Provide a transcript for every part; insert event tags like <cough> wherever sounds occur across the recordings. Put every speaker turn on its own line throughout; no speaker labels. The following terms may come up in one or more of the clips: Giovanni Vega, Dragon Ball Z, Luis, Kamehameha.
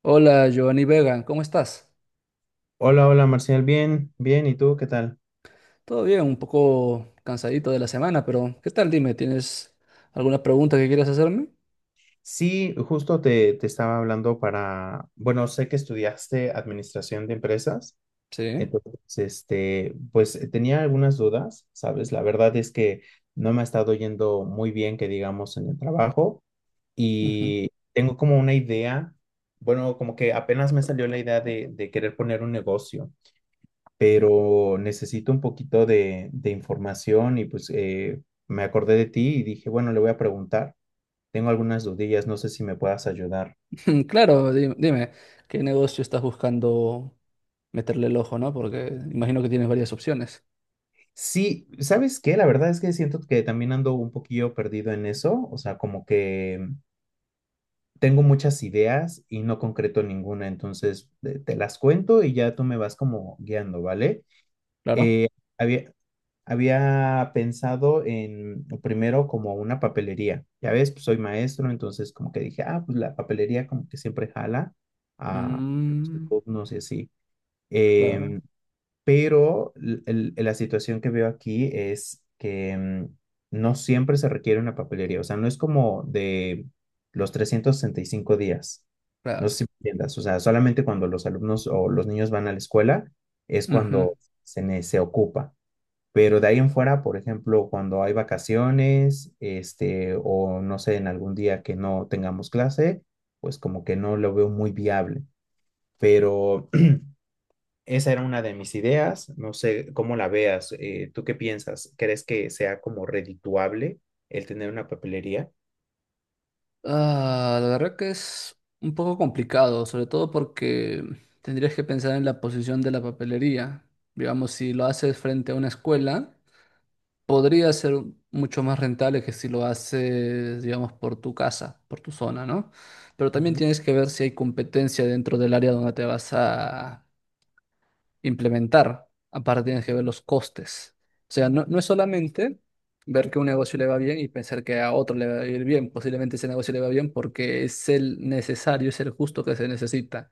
Hola, Giovanni Vega, ¿cómo estás?
Hola, hola Marcial, bien, bien, ¿y tú qué tal?
Todo bien, un poco cansadito de la semana, pero ¿qué tal? Dime, ¿tienes alguna pregunta que quieras hacerme?
Sí, justo te estaba hablando para, bueno, sé que estudiaste administración de empresas,
Sí.
entonces, tenía algunas dudas, ¿sabes? La verdad es que no me ha estado yendo muy bien, que digamos, en el trabajo
Ujú.
y tengo como una idea, bueno, como que apenas me salió la idea de querer poner un negocio. Pero necesito un poquito de información y pues me acordé de ti y dije, bueno, le voy a preguntar. Tengo algunas dudillas, no sé si me puedas ayudar.
<laughs> Claro, dime, ¿qué negocio estás buscando meterle el ojo, no? Porque imagino que tienes varias opciones.
Sí, ¿sabes qué? La verdad es que siento que también ando un poquillo perdido en eso, o sea, como que tengo muchas ideas y no concreto ninguna, entonces las cuento y ya tú me vas como guiando, ¿vale?
Claro.
Eh, había- Había pensado en primero como una papelería. Ya ves, pues soy maestro, entonces como que dije, ah, pues la papelería como que siempre jala a los
Mm,
alumnos y así.
claro,
Em, pero la situación que veo aquí es que no siempre se requiere una papelería. O sea, no es como de los 365 días. No sé
claro.
si me entiendas. O sea, solamente cuando los alumnos o los niños van a la escuela es
Ujú.
cuando se ocupa. Pero de ahí en fuera, por ejemplo, cuando hay vacaciones, este, o no sé, en algún día que no tengamos clase, pues como que no lo veo muy viable. Pero <clears throat> esa era una de mis ideas. No sé cómo la veas. ¿Tú qué piensas? ¿Crees que sea como redituable el tener una papelería?
Ah, la verdad que es un poco complicado, sobre todo porque tendrías que pensar en la posición de la papelería. Digamos, si lo haces frente a una escuela, podría ser mucho más rentable que si lo haces, digamos, por tu casa, por tu zona, ¿no? Pero también
Ujú.
tienes que ver si hay competencia dentro del área donde te vas a implementar. Aparte tienes que ver los costes. O sea, no, no es solamente ver que un negocio le va bien y pensar que a otro le va a ir bien. Posiblemente ese negocio le va bien porque es el necesario, es el justo que se necesita.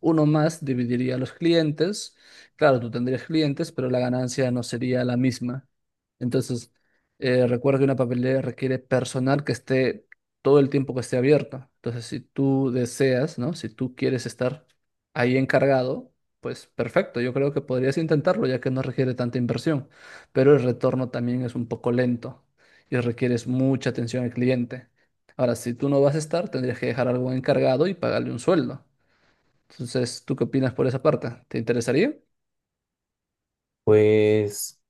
Uno más dividiría los clientes. Claro, tú tendrías clientes, pero la ganancia no sería la misma. Entonces, recuerda que una papelera requiere personal que esté todo el tiempo que esté abierta. Entonces, si tú deseas, ¿no? Si tú quieres estar ahí encargado, pues perfecto, yo creo que podrías intentarlo ya que no requiere tanta inversión, pero el retorno también es un poco lento y requieres mucha atención al cliente. Ahora, si tú no vas a estar, tendrías que dejar algo encargado y pagarle un sueldo. Entonces, ¿tú qué opinas por esa parte? ¿Te interesaría?
Pues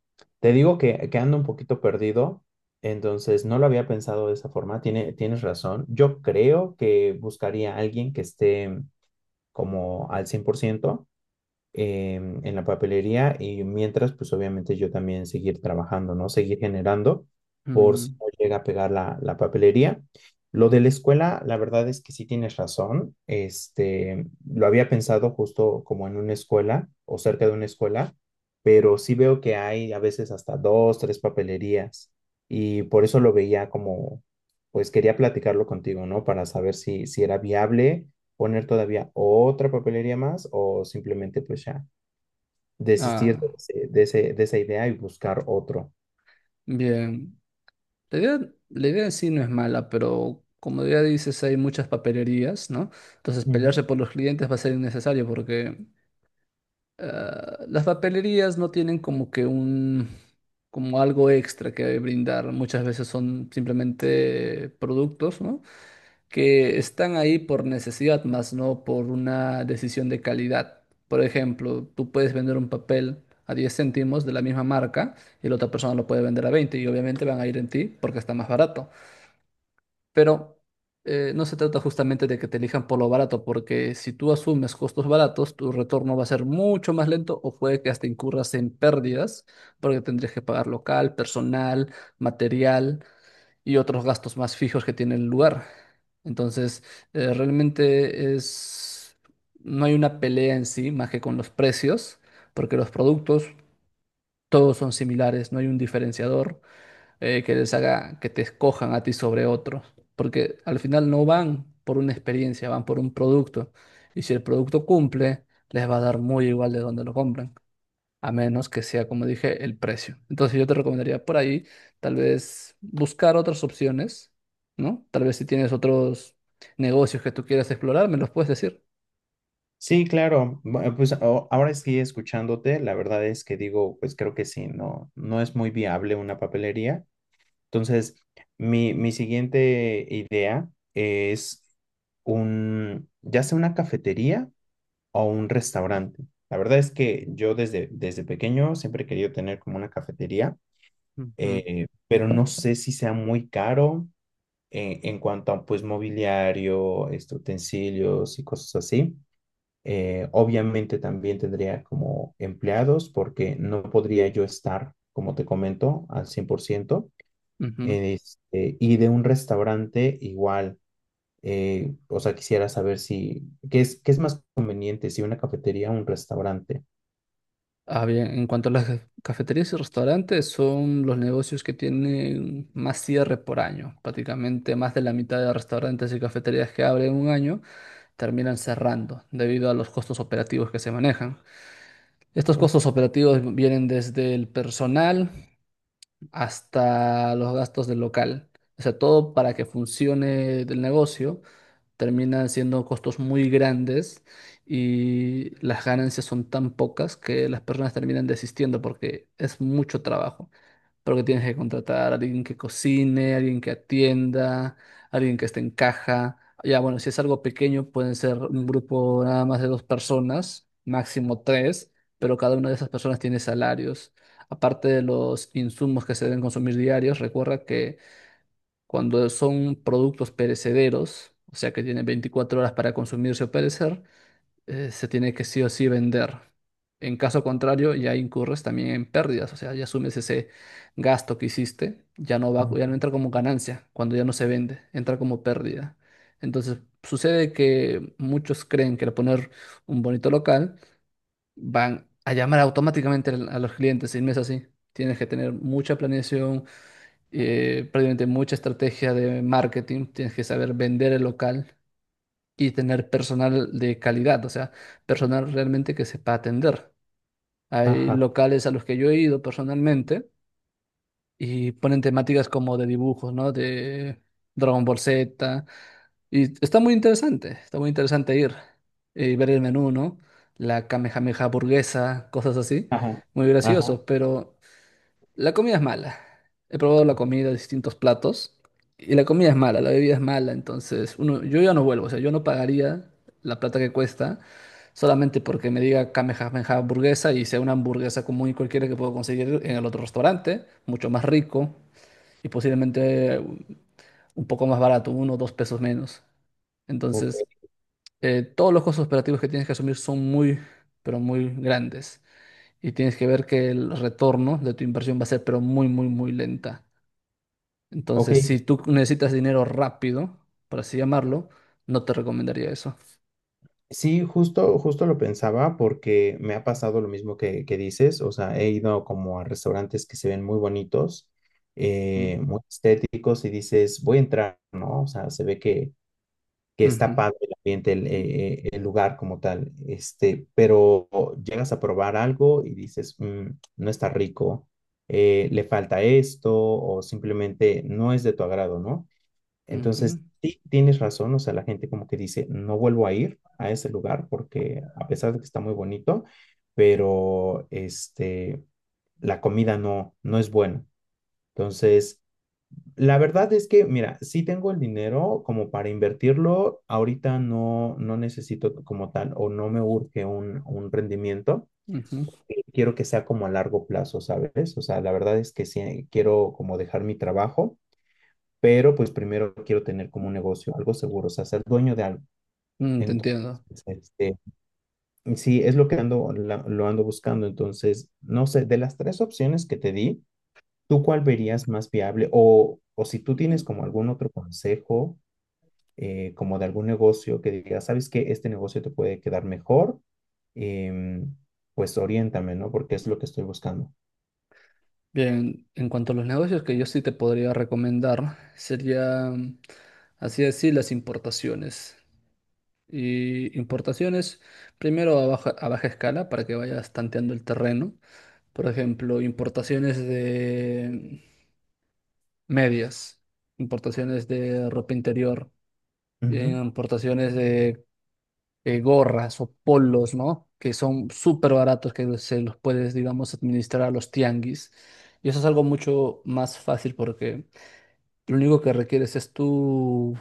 te digo que ando un poquito perdido, entonces no lo había pensado de esa forma, tienes razón. Yo creo que buscaría a alguien que esté como al 100%. En la papelería y mientras, pues obviamente yo también seguir trabajando, ¿no? Seguir generando por si
Mm,
no llega a pegar la papelería. Lo de la escuela, la verdad es que sí tienes razón. Este, lo había pensado justo como en una escuela o cerca de una escuela, pero sí veo que hay a veces hasta dos, tres papelerías y por eso lo veía como, pues quería platicarlo contigo, ¿no? Para saber si era viable poner todavía otra papelería más o simplemente pues ya desistir
ah,
de esa idea y buscar otro.
bien. La idea, la idea en sí no es mala, pero como ya dices, hay muchas papelerías, ¿no? Entonces,
Ujú.
pelearse por los clientes va a ser innecesario porque ah, las papelerías no tienen como que un, como algo extra que brindar. Muchas veces son simplemente productos, ¿no? Que están ahí por necesidad, más no por una decisión de calidad. Por ejemplo, tú puedes vender un papel a 10 céntimos de la misma marca y la otra persona lo puede vender a 20 y obviamente van a ir en ti porque está más barato. Pero no se trata justamente de que te elijan por lo barato, porque si tú asumes costos baratos, tu retorno va a ser mucho más lento o puede que hasta incurras en pérdidas, porque tendrías que pagar local, personal, material y otros gastos más fijos que tiene el lugar. Entonces, realmente es, no hay una pelea en sí más que con los precios, porque los productos todos son similares, no hay un diferenciador que les haga que te escojan a ti sobre otros, porque al final no van por una experiencia, van por un producto. Y si el producto cumple, les va a dar muy igual de donde lo compran, a menos que sea, como dije, el precio. Entonces yo te recomendaría por ahí tal vez buscar otras opciones, ¿no? Tal vez si tienes otros negocios que tú quieras explorar, me los puedes decir.
Sí, claro. Bueno, ahora estoy escuchándote, la verdad es que digo, pues creo que sí, no, no es muy viable una papelería. Entonces, mi siguiente idea es un, ya sea una cafetería o un restaurante. La verdad es que yo desde pequeño siempre he querido tener como una cafetería.
Mm. Ujú,
Pero no sé si sea muy caro en cuanto a pues mobiliario, este, utensilios y cosas así. Obviamente también tendría como empleados porque no podría yo estar, como te comento, al 100%.
ujú.
Este, y de un restaurante igual, o sea, quisiera saber si, qué es más conveniente, si una cafetería o un restaurante?
Ah, bien, en cuanto a las cafeterías y restaurantes, son los negocios que tienen más cierre por año. Prácticamente más de la mitad de restaurantes y cafeterías que abren un año terminan cerrando debido a los costos operativos que se manejan. Estos
¿Sí?
costos operativos vienen desde el personal hasta los gastos del local. O sea, todo para que funcione el negocio termina siendo costos muy grandes y las ganancias son tan pocas que las personas terminan desistiendo porque es mucho trabajo. Porque tienes que contratar a alguien que cocine, alguien que atienda, alguien que esté en caja. Ya, bueno, si es algo pequeño, pueden ser un grupo nada más de dos personas, máximo tres, pero cada una de esas personas tiene salarios. Aparte de los insumos que se deben consumir diarios, recuerda que cuando son productos perecederos, o sea que tienen 24 horas para consumirse o perecer, se tiene que sí o sí vender. En caso contrario, ya incurres también en pérdidas, o sea, ya asumes ese gasto que hiciste, ya no va, ya no entra como ganancia cuando ya no se vende, entra como pérdida. Entonces, sucede que muchos creen que al poner un bonito local van a llamar automáticamente a los clientes y no es así. Tienes que tener mucha planeación, prácticamente mucha estrategia de marketing, tienes que saber vender el local y tener personal de calidad, o sea, personal realmente que sepa atender. Hay
Ajá,
locales a los que yo he ido personalmente y ponen temáticas como de dibujos, ¿no? De Dragon Ball Z. Y está muy interesante ir y ver el menú, ¿no? La Kamehameha burguesa, cosas así.
ajá,
Muy
ajá.
gracioso, pero la comida es mala. He probado la comida de distintos platos y la comida es mala, la bebida es mala, entonces uno, yo ya no vuelvo, o sea, yo no pagaría la plata que cuesta solamente porque me diga Kamehameha hamburguesa y sea una hamburguesa común y cualquiera que puedo conseguir en el otro restaurante, mucho más rico y posiblemente un poco más barato, 1 o 2 pesos menos.
Ok,
Entonces, todos los costos operativos que tienes que asumir son muy, pero muy grandes y tienes que ver que el retorno de tu inversión va a ser pero muy, muy, muy lenta.
ok,
Entonces, si tú necesitas dinero rápido, por así llamarlo, no te recomendaría eso.
sí, justo, justo lo pensaba porque me ha pasado lo mismo que dices, o sea, he ido como a restaurantes que se ven muy bonitos,
Ujú,
muy estéticos y dices, voy a entrar, ¿no? O sea, se ve que está
ujú,
padre el ambiente, el lugar como tal, este, pero llegas a probar algo y dices, "Mm, no está rico, le falta esto o simplemente no es de tu agrado, ¿no?
ujú,
Entonces, sí, tienes razón, o sea, la gente como que dice, no vuelvo a ir a ese lugar porque a pesar de que está muy bonito, pero este, la comida no, no es buena. Entonces, la verdad es que, mira, sí tengo el dinero como para invertirlo, ahorita no, no necesito como tal o no me urge un rendimiento,
ujú.
quiero que sea como a largo plazo, ¿sabes? O sea, la verdad es que sí, quiero como dejar mi trabajo pero pues primero quiero tener como un negocio, algo seguro, o sea, ser dueño de algo.
Mm, te
Entonces,
entiendo.
este, sí, es lo que ando, lo ando buscando. Entonces, no sé, de las tres opciones que te di, ¿tú cuál verías más viable? O si tú tienes como algún otro consejo, como de algún negocio que digas, ¿sabes qué? Este negocio te puede quedar mejor, em, pues oriéntame, ¿no? Porque es lo que estoy buscando.
Bien, en cuanto a los negocios que yo sí te podría recomendar, serían, así decir, las importaciones. Y importaciones, primero a baja escala para que vayas tanteando el terreno. Por ejemplo, importaciones de medias, importaciones de ropa interior,
Ujú,
importaciones de gorras o polos, ¿no? Que son súper baratos, que se los puedes, digamos, administrar a los tianguis. Y eso es algo mucho más fácil porque lo único que requieres es tu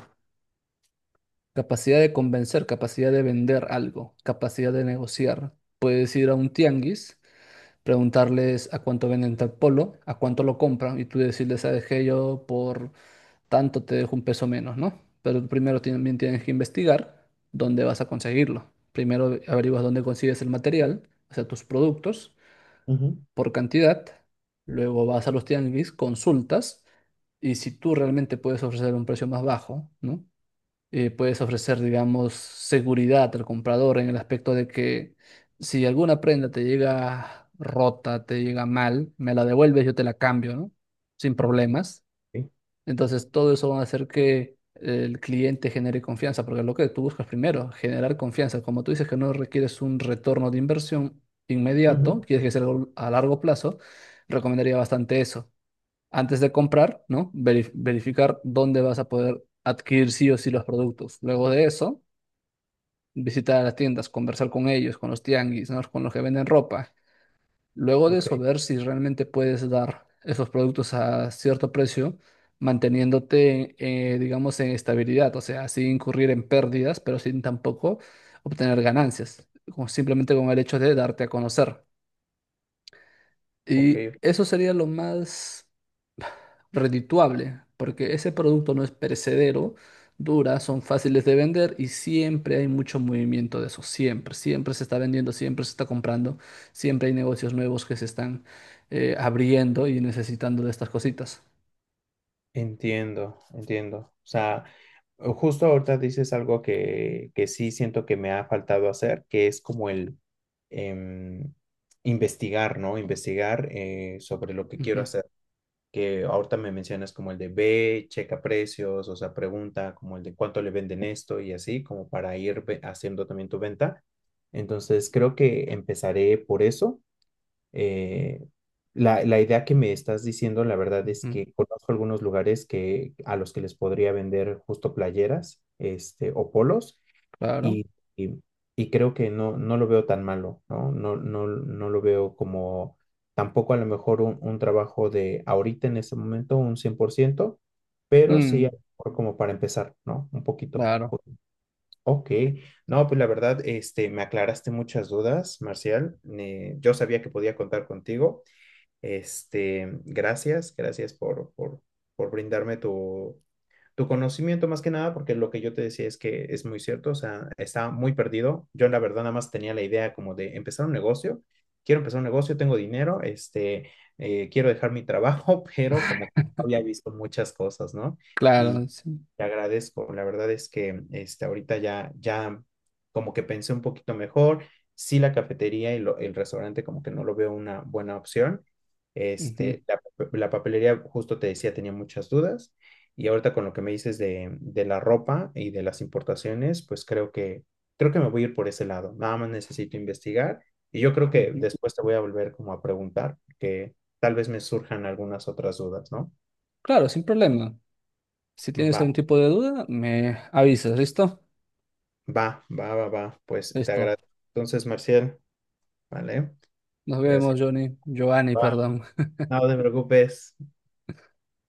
capacidad de convencer, capacidad de vender algo, capacidad de negociar. Puedes ir a un tianguis, preguntarles a cuánto venden tal polo, a cuánto lo compran y tú decirles, ¿sabes qué? Yo por tanto te dejo un peso menos, ¿no? Pero primero también tienes que investigar dónde vas a conseguirlo. Primero averiguas dónde consigues el material, o sea, tus productos
ujú,
por cantidad. Luego vas a los tianguis, consultas y si tú realmente puedes ofrecer un precio más bajo, ¿no? Puedes ofrecer, digamos, seguridad al comprador en el aspecto de que si alguna prenda te llega rota, te llega mal, me la devuelves, yo te la cambio, ¿no? Sin problemas.
sí,
Entonces, todo eso va a hacer que el cliente genere confianza, porque lo que tú buscas primero, generar confianza. Como tú dices que no requieres un retorno de inversión inmediato,
ujú,
quieres que sea algo a largo plazo, recomendaría bastante eso. Antes de comprar, ¿no? Verificar dónde vas a poder adquirir sí o sí los productos. Luego de eso, visitar las tiendas, conversar con ellos, con los tianguis, ¿no? Con los que venden ropa. Luego de
ok,
eso, ver si realmente puedes dar esos productos a cierto precio, manteniéndote, digamos, en estabilidad, o sea, sin incurrir en pérdidas, pero sin tampoco obtener ganancias, como simplemente con el hecho de darte a conocer.
ok,
Y eso sería lo más redituable, porque ese producto no es perecedero, dura, son fáciles de vender y siempre hay mucho movimiento de eso, siempre, siempre se está vendiendo, siempre se está comprando, siempre hay negocios nuevos que se están abriendo y necesitando de estas cositas.
entiendo, entiendo. O sea, justo ahorita dices algo que sí siento que me ha faltado hacer, que es como el em, investigar, ¿no? Investigar sobre lo que
Ujú,
quiero hacer. Que ahorita me mencionas como el de ve, checa precios, o sea, pregunta como el de cuánto le venden esto y así, como para ir haciendo también tu venta. Entonces, creo que empezaré por eso. Eh, la idea que me estás diciendo, la verdad es
ujú,
que conozco algunos lugares a los que les podría vender justo playeras, este, o polos,
claro.
y, y, y creo que no, no lo veo tan malo, ¿no? No, no, no lo veo como tampoco a lo mejor un trabajo de ahorita en este momento un 100% pero sí a
Mm,
lo mejor como para empezar, ¿no? Un poquito.
claro,
Ok, no, pues la verdad, este, me aclaraste muchas dudas, Marcial. Yo sabía que podía contar contigo. Este, gracias por brindarme tu, tu conocimiento más que nada, porque lo que yo te decía es que es muy cierto, o sea, estaba muy perdido. Yo la verdad nada más tenía la idea como de empezar un negocio, quiero empezar un negocio, tengo dinero, quiero dejar mi trabajo, <laughs> pero como que no había visto muchas cosas, ¿no? Y
claro. Sí,
te agradezco. La verdad es que este, ahorita ya como que pensé un poquito mejor. Sí, la cafetería y el restaurante como que no lo veo una buena opción.
ujú,
Este, la papelería, justo te decía, tenía muchas dudas. Y ahorita con lo que me dices de la ropa y de las importaciones, pues creo que me voy a ir por ese lado. Nada más necesito investigar. Y yo creo que
ujú.
después te voy a volver como a preguntar, que tal vez me surjan algunas otras dudas, ¿no?
Claro, sin problema. Si tienes
Va.
algún tipo de duda, me avisas, ¿listo?
Va, va, va, va. Pues te
Listo.
agradezco. Entonces, Marcial, ¿vale?
Nos
Gracias.
vemos, Johnny. Giovanni,
Bye.
perdón.
No te preocupes.